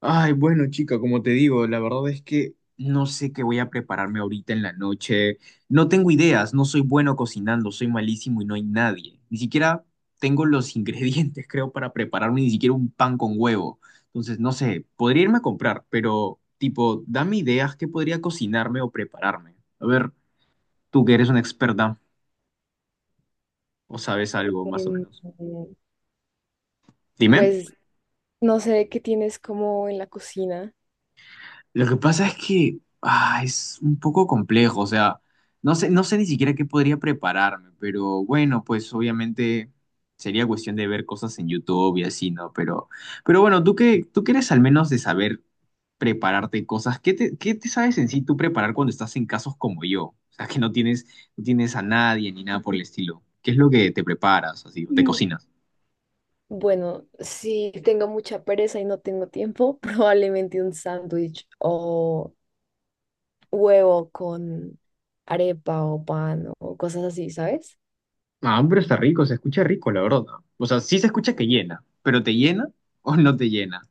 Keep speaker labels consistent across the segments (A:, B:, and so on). A: Ay, bueno, chica, como te digo, la verdad es que no sé qué voy a prepararme ahorita en la noche. No tengo ideas, no soy bueno cocinando, soy malísimo y no hay nadie. Ni siquiera tengo los ingredientes, creo, para prepararme ni siquiera un pan con huevo. Entonces, no sé, podría irme a comprar, pero tipo, dame ideas que podría cocinarme o prepararme. A ver, tú que eres una experta o sabes algo más o
B: Em,
A: menos. Dime.
B: pues no sé qué tienes como en la cocina.
A: Lo que pasa es que es un poco complejo, o sea, no sé, no sé ni siquiera qué podría prepararme, pero bueno, pues obviamente sería cuestión de ver cosas en YouTube y así, ¿no? Pero bueno, tú que eres al menos de saber prepararte cosas, ¿qué te sabes en sí tú preparar cuando estás en casos como yo? O sea, que no tienes a nadie ni nada por el estilo. ¿Qué es lo que te preparas, así, o te
B: Mm.
A: cocinas?
B: Bueno, si tengo mucha pereza y no tengo tiempo, probablemente un sándwich o huevo con arepa o pan o cosas así, ¿sabes?
A: Ah, pero está rico, se escucha rico, la verdad. O sea, sí se escucha que llena, pero ¿te llena o no te llena?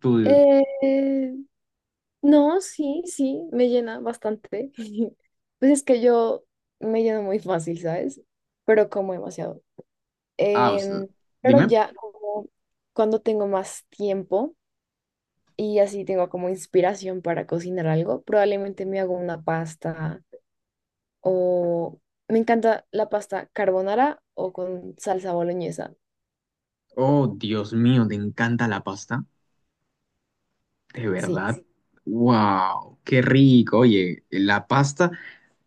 A: Tú.
B: Eh, no, sí, sí, me llena bastante. Pues es que yo me lleno muy fácil, ¿sabes? Pero como demasiado.
A: Ah, o sea,
B: Em, pero
A: dime.
B: ya como cuando tengo más tiempo, y así tengo como inspiración para cocinar algo. Probablemente me hago una pasta o me encanta la pasta carbonara o con salsa boloñesa.
A: Oh, Dios mío, ¿te encanta la pasta? ¿De
B: Sí.
A: verdad? Sí. ¡Wow! ¡Qué rico! Oye, la pasta.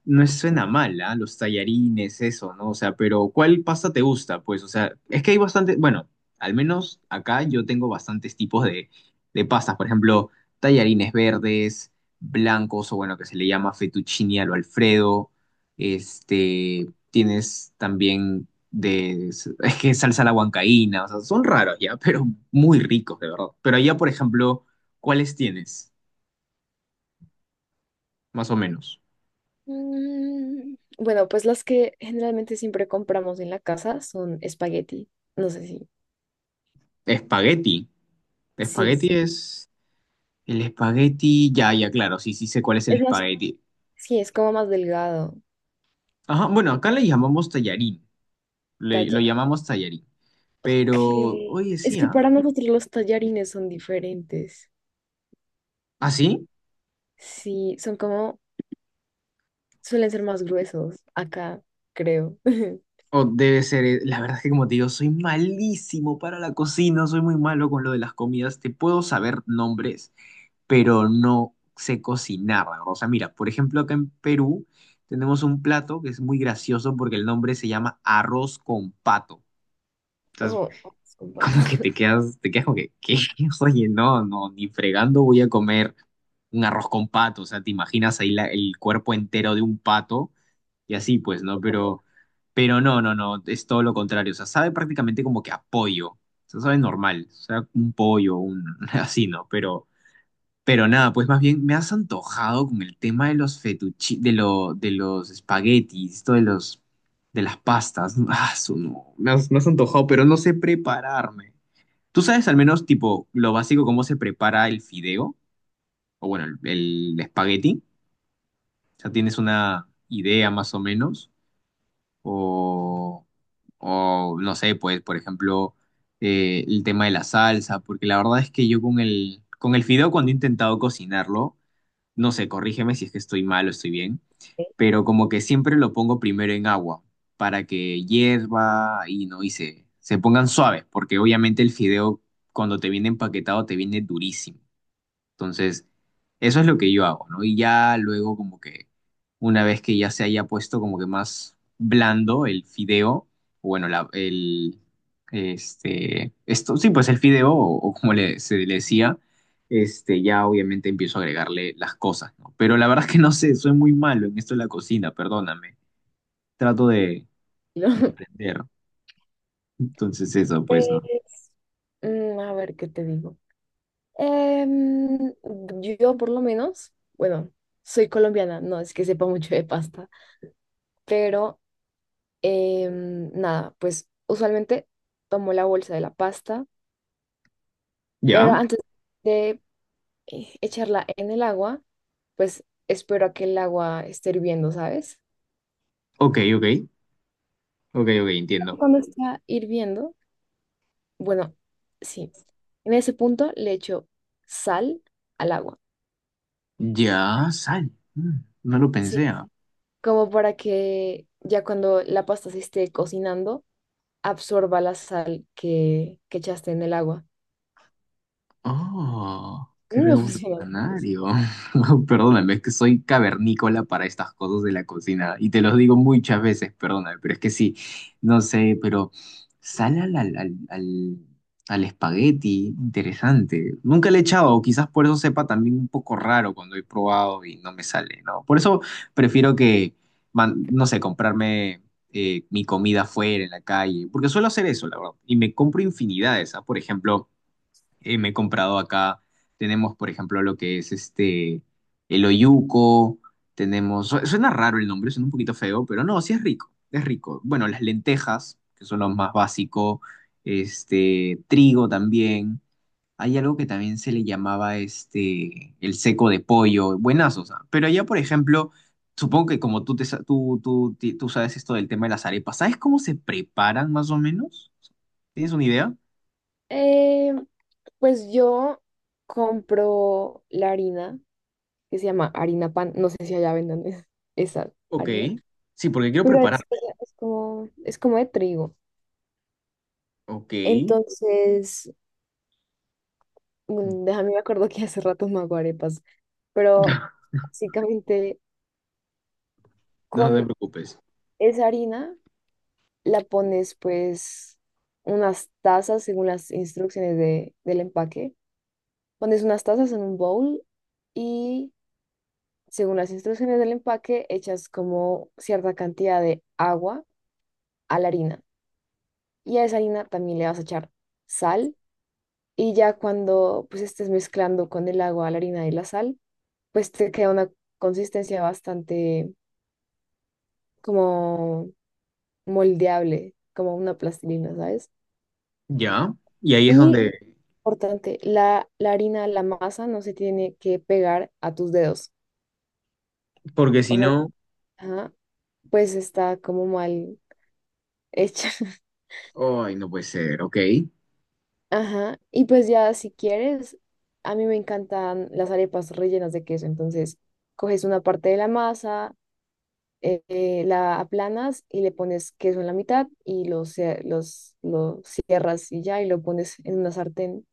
A: No suena mal, ¿ah? Los tallarines, eso, ¿no? O sea, pero ¿cuál pasta te gusta? Pues, o sea, es que hay bastante, bueno, al menos acá yo tengo bastantes tipos de pastas. Por ejemplo, tallarines verdes, blancos, o bueno, que se le llama fettuccine al Alfredo. Este, tienes también de, es que salsa a la huancaína, o sea, son raros ya, pero muy ricos, de verdad. Pero allá, por ejemplo, ¿cuáles tienes? Más o menos.
B: Mm, bueno, pues las que generalmente siempre compramos en la casa son espagueti. No sé si.
A: Espagueti.
B: Sí.
A: Espagueti es... El espagueti, ya, ya, claro, sí, sí sé cuál es el
B: Es más,
A: espagueti.
B: sí, es como más delgado.
A: Ajá, bueno, acá le llamamos tallarín, lo
B: Talla.
A: llamamos tallarín, pero, oye,
B: Que es
A: sí,
B: que
A: ¿ah?
B: para nosotros los tallarines son diferentes.
A: ¿Ah, sí?
B: Sí, son como, suelen ser más gruesos acá, creo.
A: O debe ser, la verdad es que como te digo, soy malísimo para la cocina, soy muy malo con lo de las comidas, te puedo saber nombres, pero no sé cocinar, ¿no? O sea, mira, por ejemplo, acá en Perú tenemos un plato que es muy gracioso porque el nombre se llama arroz con pato. Entonces,
B: Oh, es un pato.
A: como que te quedas como que, ¿qué? Oye, no, no, ni fregando voy a comer un arroz con pato, o sea, te imaginas ahí el cuerpo entero de un pato y así, pues, ¿no? Pero no, no, no, es todo lo contrario, o sea, sabe prácticamente como que a pollo, o sea, sabe normal, o sea, un pollo, un, así, ¿no? Pero nada, pues más bien me has antojado con el tema de los fetuchi, de los espaguetis, de las pastas, ah, no, me has antojado, pero no sé prepararme. ¿Tú sabes al menos, tipo, lo básico, cómo se prepara el fideo? O bueno, el espagueti. O sea, ¿tienes una idea más o menos? O, o no sé, pues, por ejemplo, el tema de la salsa. Porque la verdad es que yo con con el fideo, cuando he intentado cocinarlo, no sé, corrígeme si es que estoy mal o estoy bien, pero como que siempre lo pongo primero en agua para que hierva y no, y se pongan suaves. Porque obviamente el fideo, cuando te viene empaquetado, te viene durísimo. Entonces, eso es lo que yo hago, ¿no? Y ya luego como que una vez que ya se haya puesto como que más blando el fideo, o bueno, el, este, esto, sí, pues el fideo, o como le, se le decía, este, ya obviamente empiezo a agregarle las cosas, ¿no? Pero la verdad es que no sé, soy muy malo en esto de la cocina, perdóname. Trato de
B: No.
A: entender. Entonces eso, pues, ¿no?
B: Pues, mm, a ver, ¿qué te digo? Em, yo por lo menos, bueno, soy colombiana, no es que sepa mucho de pasta, pero nada, pues usualmente tomo la bolsa de la pasta, pero
A: Ya,
B: antes de echarla en el agua, pues espero a que el agua esté hirviendo, ¿sabes?
A: ok, ok, ok, ok, entiendo.
B: Cuando está hirviendo, bueno, sí. En ese punto le echo sal al agua.
A: Ya, sal. Mm, no lo
B: Sí.
A: pensé, ah.
B: Como para que ya cuando la pasta se esté cocinando, absorba la sal que echaste en el agua.
A: Oh,
B: A
A: qué
B: mí me funciona mucho eso.
A: revolucionario. Perdóname, es que soy cavernícola para estas cosas de la cocina y te los digo muchas veces, perdóname, pero es que sí, no sé, pero sal al espagueti, interesante. Nunca le he echado, quizás por eso sepa también un poco raro cuando he probado y no me sale, ¿no? Por eso prefiero que, no sé, comprarme mi comida fuera, en la calle, porque suelo hacer eso, la verdad, y me compro infinidades, ¿ah? Por ejemplo me he comprado acá. Tenemos, por ejemplo, lo que es este, el oyuco. Tenemos, suena raro el nombre, suena un poquito feo, pero no, sí es rico, es rico. Bueno, las lentejas, que son lo más básico. Este, trigo también. Hay algo que también se le llamaba este, el seco de pollo. Buenazos, ¿ah? Pero allá, por ejemplo, supongo que como tú, te, sa- tú, ti- tú sabes esto del tema de las arepas, ¿sabes cómo se preparan más o menos? ¿Tienes una idea?
B: Eh, pues yo compro la harina, que se llama harina pan. No sé si allá vendan es- esa
A: Ok.
B: harina.
A: Sí, porque quiero
B: Pero
A: preparar.
B: es como de trigo.
A: Ok,
B: Entonces mm, déjame, me acuerdo que hace rato me hago arepas, pero básicamente
A: no te
B: con
A: preocupes.
B: esa harina la pones pues unas tazas según las instrucciones del empaque. Pones unas tazas en un bowl y según las instrucciones del empaque echas como cierta cantidad de agua a la harina. Y a esa harina también le vas a echar sal, y ya cuando pues estés mezclando con el agua, la harina y la sal, pues te queda una consistencia bastante como moldeable, como una plastilina, ¿sabes?
A: Ya, y ahí es
B: Y
A: donde,
B: importante, la harina, la masa no se tiene que pegar a tus dedos.
A: porque si
B: O sea,
A: no,
B: ajá, pues está como mal hecha.
A: ay, no puede ser, ok.
B: Ajá. Y pues ya si quieres, a mí me encantan las arepas rellenas de queso. Entonces, coges una parte de la masa, la aplanas y le pones queso en la mitad y lo, cie- lo cierras y ya y lo pones en una sartén.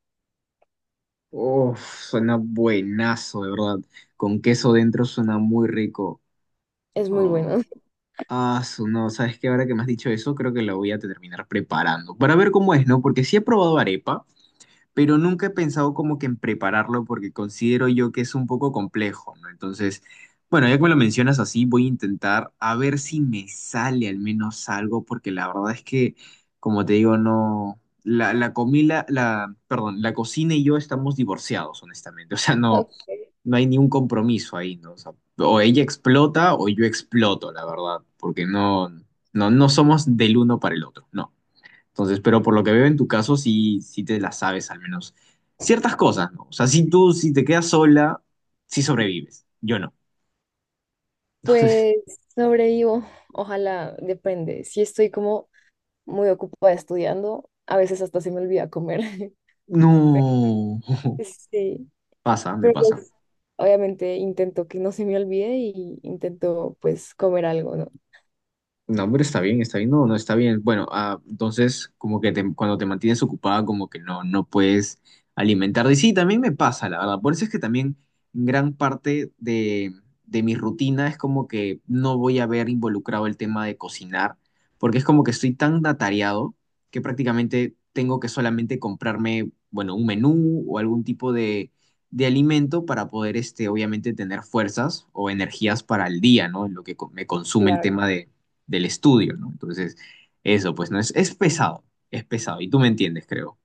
A: Uf, suena buenazo, de verdad. Con queso dentro suena muy rico.
B: Es muy
A: Oh,
B: bueno.
A: ah, no, ¿sabes qué? Ahora que me has dicho eso, creo que lo voy a terminar preparando. Para ver cómo es, ¿no? Porque sí he probado arepa, pero nunca he pensado como que en prepararlo porque considero yo que es un poco complejo, ¿no? Entonces, bueno, ya que me lo mencionas así, voy a intentar a ver si me sale al menos algo, porque la verdad es que, como te digo, no, la comida, perdón, la cocina y yo estamos divorciados, honestamente, o sea, no, no hay ni un compromiso ahí, ¿no? O sea, o ella explota o yo exploto, la verdad, porque no, no, no somos del uno para el otro, no. Entonces, pero por lo que veo en tu caso, sí, sí te la sabes al menos. Ciertas cosas, ¿no? O sea, si tú, si te quedas sola, sí sobrevives. Yo no.
B: Pues sobrevivo, ojalá, depende. Si estoy como muy ocupada estudiando, a veces hasta se me olvida comer. Pero
A: No.
B: pues sí,
A: Pasa, me
B: pero
A: pasa.
B: pues obviamente intento que no se me olvide y intento pues comer algo, ¿no?
A: No, hombre, está bien, no, no está bien. Bueno, ah, entonces como que cuando te mantienes ocupada como que no, no puedes alimentarte. Y sí, también me pasa, la verdad. Por eso es que también gran parte de mi rutina es como que no voy a ver involucrado el tema de cocinar, porque es como que estoy tan atareado que prácticamente tengo que solamente comprarme, bueno, un menú o algún tipo de alimento para poder, este, obviamente, tener fuerzas o energías para el día, ¿no? En lo que me consume el
B: Claro.
A: tema de del estudio, ¿no? Entonces, eso, pues no es, es pesado, es pesado. Y tú me entiendes, creo.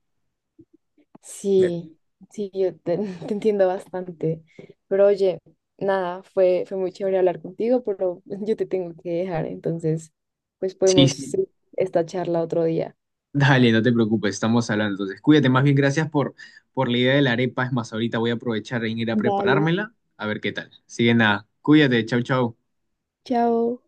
A: Me-.
B: Sí, sí, yo te te entiendo bastante. Pero oye, nada, fue muy chévere hablar contigo, pero yo te tengo que dejar, entonces pues
A: Sí,
B: podemos
A: sí.
B: seguir esta charla otro día.
A: Dale, no te preocupes, estamos hablando. Entonces, cuídate, más bien gracias por la idea de la arepa. Es más, ahorita voy a aprovechar en ir a
B: Dale.
A: preparármela, a ver qué tal. Así que nada, cuídate, chau, chau.
B: Chao.